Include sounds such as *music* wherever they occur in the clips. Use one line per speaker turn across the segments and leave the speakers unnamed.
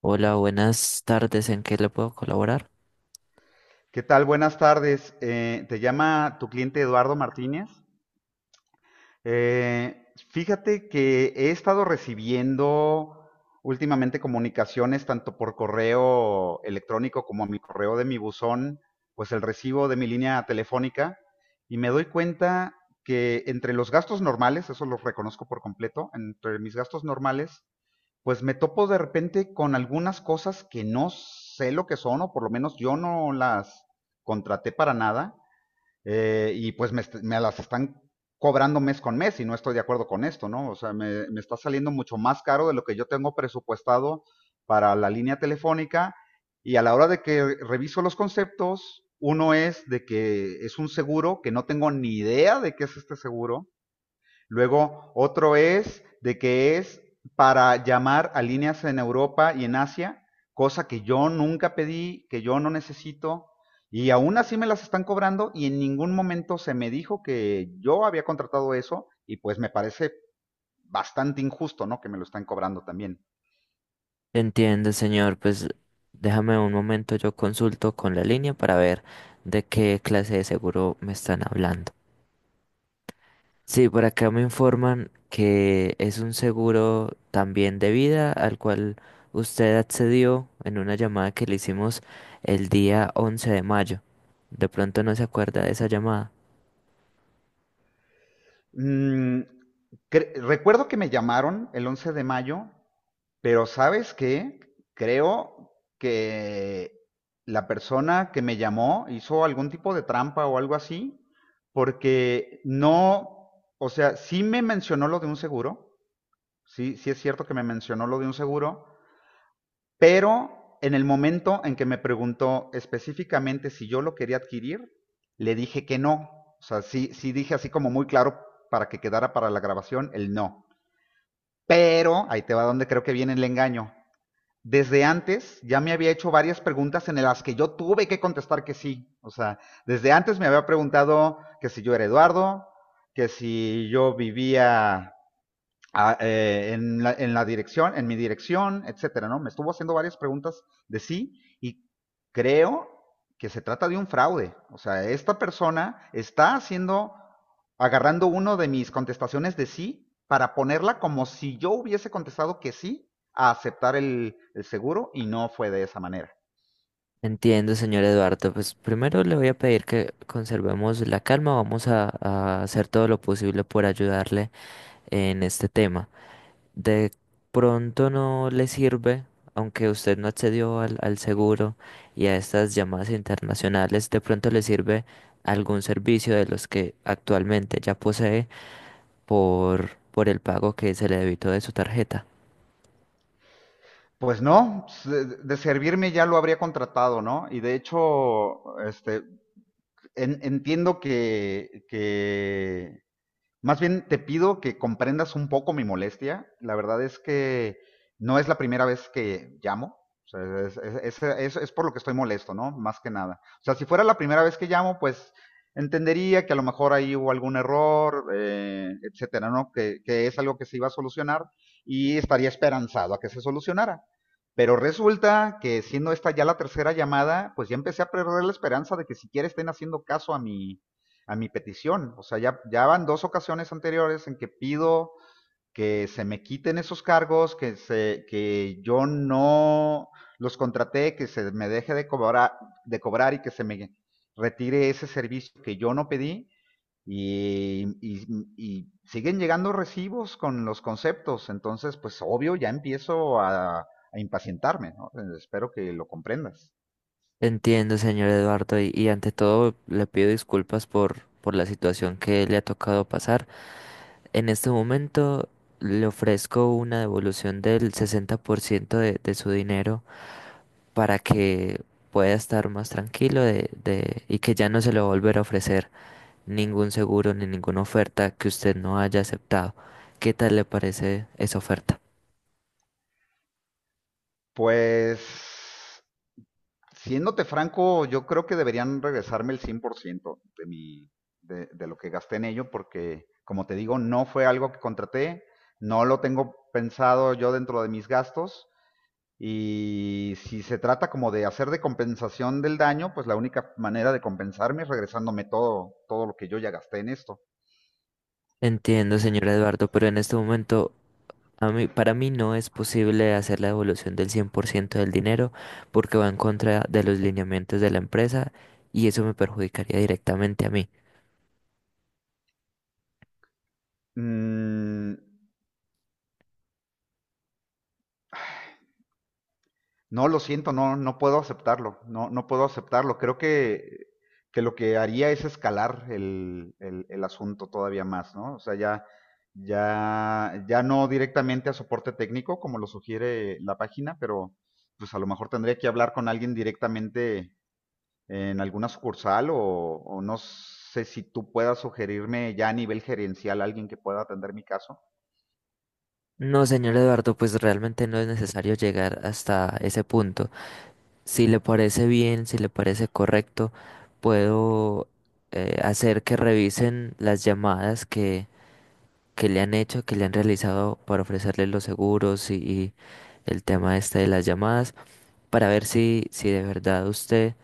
Hola, buenas tardes. ¿En qué le puedo colaborar?
¿Qué tal? Buenas tardes. Te llama tu cliente Eduardo Martínez. Fíjate que he estado recibiendo últimamente comunicaciones tanto por correo electrónico como a mi correo de mi buzón, pues el recibo de mi línea telefónica y me doy cuenta que entre los gastos normales, eso los reconozco por completo, entre mis gastos normales pues me topo de repente con algunas cosas que no sé lo que son, o por lo menos yo no las contraté para nada, y pues me las están cobrando mes con mes y no estoy de acuerdo con esto, ¿no? O sea, me está saliendo mucho más caro de lo que yo tengo presupuestado para la línea telefónica y a la hora de que reviso los conceptos, uno es de que es un seguro que no tengo ni idea de qué es este seguro. Luego, otro es de que es para llamar a líneas en Europa y en Asia, cosa que yo nunca pedí, que yo no necesito, y aún así me las están cobrando y en ningún momento se me dijo que yo había contratado eso y pues me parece bastante injusto, ¿no? Que me lo están cobrando también.
Entiende, señor. Pues déjame un momento, yo consulto con la línea para ver de qué clase de seguro me están hablando. Sí, por acá me informan que es un seguro también de vida al cual usted accedió en una llamada que le hicimos el día 11 de mayo. De pronto no se acuerda de esa llamada.
Mm, recuerdo que me llamaron el 11 de mayo, pero ¿sabes qué? Creo que la persona que me llamó hizo algún tipo de trampa o algo así, porque no, o sea, sí me mencionó lo de un seguro, sí, sí es cierto que me mencionó lo de un seguro, pero en el momento en que me preguntó específicamente si yo lo quería adquirir, le dije que no. O sea, sí, sí dije así como muy claro para que quedara para la grabación el no. Pero ahí te va donde creo que viene el engaño. Desde antes ya me había hecho varias preguntas en las que yo tuve que contestar que sí. O sea, desde antes me había preguntado que si yo era Eduardo, que si yo vivía a, en, la, dirección, en mi dirección, etcétera, ¿no? Me estuvo haciendo varias preguntas de sí y creo que se trata de un fraude. O sea, esta persona está haciendo, agarrando uno de mis contestaciones de sí para ponerla como si yo hubiese contestado que sí a aceptar el seguro y no fue de esa manera.
Entiendo, señor Eduardo. Pues primero le voy a pedir que conservemos la calma. Vamos a hacer todo lo posible por ayudarle en este tema. De pronto no le sirve, aunque usted no accedió al seguro y a estas llamadas internacionales, de pronto le sirve algún servicio de los que actualmente ya posee por el pago que se le debitó de su tarjeta.
Pues no, pues, de servirme ya lo habría contratado, ¿no? Y de hecho, este, entiendo que más bien te pido que comprendas un poco mi molestia. La verdad es que no es la primera vez que llamo. O sea, es por lo que estoy molesto, ¿no? Más que nada. O sea, si fuera la primera vez que llamo, pues entendería que a lo mejor ahí hubo algún error, etcétera, ¿no? Que es algo que se iba a solucionar y estaría esperanzado a que se solucionara. Pero resulta que siendo esta ya la tercera llamada, pues ya empecé a perder la esperanza de que siquiera estén haciendo caso a a mi petición. O sea, ya van dos ocasiones anteriores en que pido que se me quiten esos cargos, que yo no los contraté, que se me deje de cobrar y que se me retire ese servicio que yo no pedí. Y, y, y siguen llegando recibos con los conceptos, entonces pues obvio ya empiezo a impacientarme, ¿no? Espero que lo comprendas.
Entiendo, señor Eduardo, y ante todo le pido disculpas por la situación que le ha tocado pasar. En este momento le ofrezco una devolución del 60% de su dinero para que pueda estar más tranquilo y que ya no se le va a volver a ofrecer ningún seguro ni ninguna oferta que usted no haya aceptado. ¿Qué tal le parece esa oferta?
Pues siéndote franco, yo creo que deberían regresarme el 100% de lo que gasté en ello, porque, como te digo, no fue algo que contraté, no lo tengo pensado yo dentro de mis gastos. Y si se trata como de hacer de compensación del daño, pues la única manera de compensarme es regresándome todo, todo lo que yo ya gasté en esto.
Entiendo, señor Eduardo, pero en este momento para mí no es posible hacer la devolución del 100% del dinero porque va en contra de los lineamientos de la empresa y eso me perjudicaría directamente a mí.
Mm, no, lo siento, no, no puedo aceptarlo, no, no puedo aceptarlo. Creo que lo que haría es escalar el asunto todavía más, ¿no? O sea, ya no directamente a soporte técnico, como lo sugiere la página, pero pues a lo mejor tendría que hablar con alguien directamente en alguna sucursal o no sé si tú puedas sugerirme ya a nivel gerencial alguien que pueda atender mi caso.
No, señor Eduardo, pues realmente no es necesario llegar hasta ese punto. Si le parece bien, si le parece correcto, puedo hacer que revisen las llamadas que le han hecho, que le han realizado para ofrecerle los seguros y el tema este de las llamadas, para ver si de verdad usted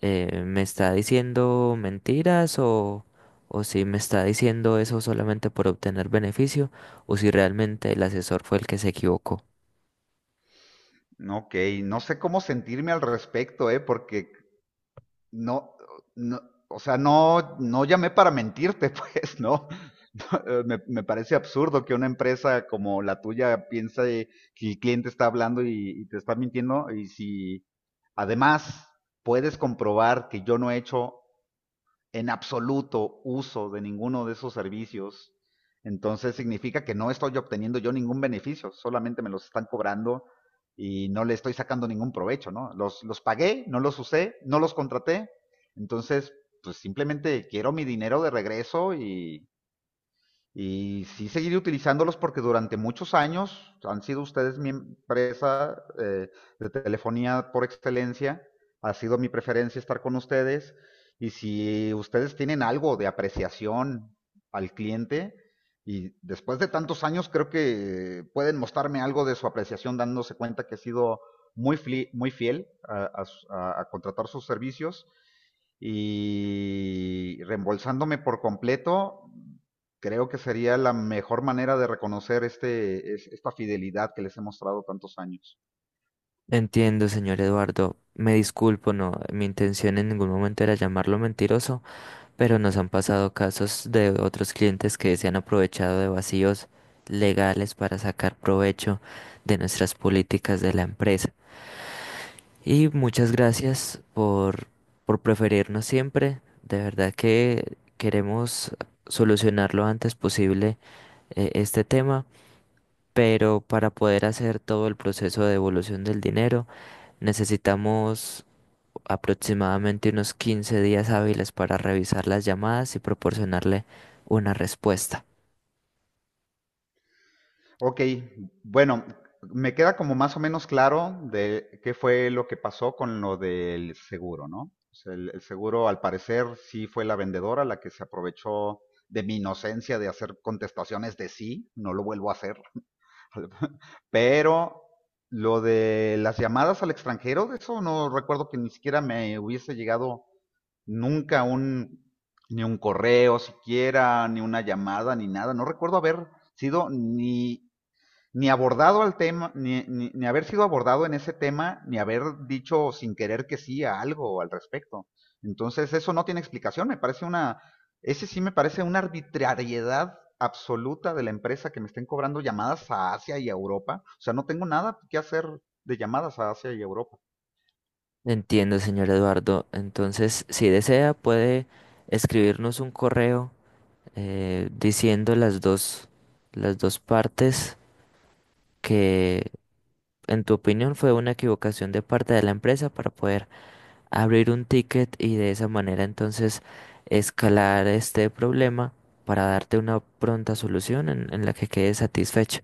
¿me está diciendo mentiras o si me está diciendo eso solamente por obtener beneficio o si realmente el asesor fue el que se equivocó?
No, ok, no sé cómo sentirme al respecto, ¿eh? Porque no, no, o sea, no, no llamé para mentirte, pues, ¿no? *laughs* Me parece absurdo que una empresa como la tuya piense que el cliente está hablando y te está mintiendo y si además puedes comprobar que yo no he hecho en absoluto uso de ninguno de esos servicios, entonces significa que no estoy obteniendo yo ningún beneficio, solamente me los están cobrando y no le estoy sacando ningún provecho, ¿no? Los pagué, no los usé, no los contraté, entonces pues simplemente quiero mi dinero de regreso y sí seguiré utilizándolos porque durante muchos años han sido ustedes mi empresa, de telefonía por excelencia. Ha sido mi preferencia estar con ustedes. Y si ustedes tienen algo de apreciación al cliente, y después de tantos años creo que pueden mostrarme algo de su apreciación dándose cuenta que he sido muy, muy fiel a contratar sus servicios y reembolsándome por completo, creo que sería la mejor manera de reconocer esta fidelidad que les he mostrado tantos años.
Entiendo, señor Eduardo. Me disculpo, no, mi intención en ningún momento era llamarlo mentiroso, pero nos han pasado casos de otros clientes que se han aprovechado de vacíos legales para sacar provecho de nuestras políticas de la empresa. Y muchas gracias por preferirnos siempre. De verdad que queremos solucionar lo antes posible este tema, pero para poder hacer todo el proceso de devolución del dinero necesitamos aproximadamente unos 15 días hábiles para revisar las llamadas y proporcionarle una respuesta.
Ok, bueno, me queda como más o menos claro de qué fue lo que pasó con lo del seguro, ¿no? O sea, el seguro, al parecer, sí fue la vendedora la que se aprovechó de mi inocencia de hacer contestaciones de sí, no lo vuelvo a hacer. *laughs* Pero lo de las llamadas al extranjero, de eso no recuerdo que ni siquiera me hubiese llegado nunca un, ni un correo siquiera, ni una llamada, ni nada. No recuerdo haber sido ni abordado al tema, ni haber sido abordado en ese tema, ni haber dicho sin querer que sí a algo al respecto. Entonces eso no tiene explicación, me parece ese sí me parece una arbitrariedad absoluta de la empresa que me estén cobrando llamadas a Asia y a Europa. O sea, no tengo nada que hacer de llamadas a Asia y Europa.
Entiendo, señor Eduardo. Entonces, si desea, puede escribirnos un correo diciendo las dos partes que, en tu opinión, fue una equivocación de parte de la empresa para poder abrir un ticket y de esa manera entonces escalar este problema para darte una pronta solución en la que quedes satisfecho.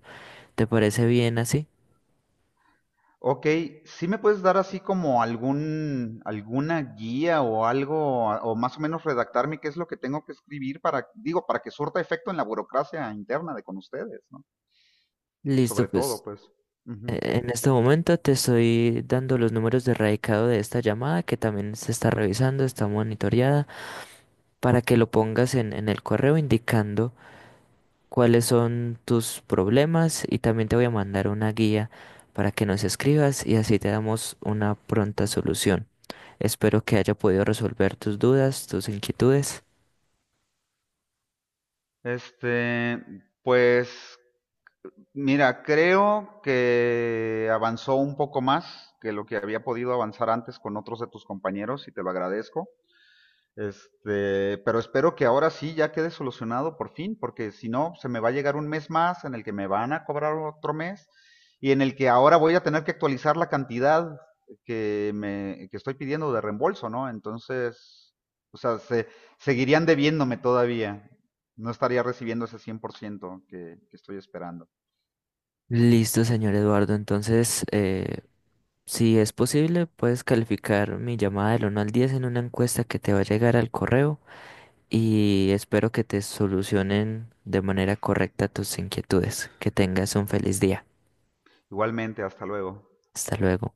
¿Te parece bien así?
Ok, ¿sí me puedes dar así como alguna guía o algo, o más o menos redactarme qué es lo que tengo que escribir para, digo, para que surta efecto en la burocracia interna de con ustedes, ¿no?
Listo,
Sobre todo,
pues.
pues.
eh,
Ujú.
En este momento te estoy dando los números de radicado de esta llamada que también se está revisando, está monitoreada, para que lo pongas en el correo indicando cuáles son tus problemas y también te voy a mandar una guía para que nos escribas y así te damos una pronta solución. Espero que haya podido resolver tus dudas, tus inquietudes.
Este, pues, mira, creo que avanzó un poco más que lo que había podido avanzar antes con otros de tus compañeros y te lo agradezco. Este, pero espero que ahora sí ya quede solucionado por fin, porque si no, se me va a llegar un mes más en el que me van a cobrar otro mes y en el que ahora voy a tener que actualizar la cantidad que estoy pidiendo de reembolso, ¿no? Entonces, o sea, seguirían debiéndome todavía. No estaría recibiendo ese 100% que estoy esperando.
Listo, señor Eduardo. Entonces, si es posible, puedes calificar mi llamada del uno al 10 en una encuesta que te va a llegar al correo y espero que te solucionen de manera correcta tus inquietudes. Que tengas un feliz día.
Igualmente, hasta luego.
Hasta luego.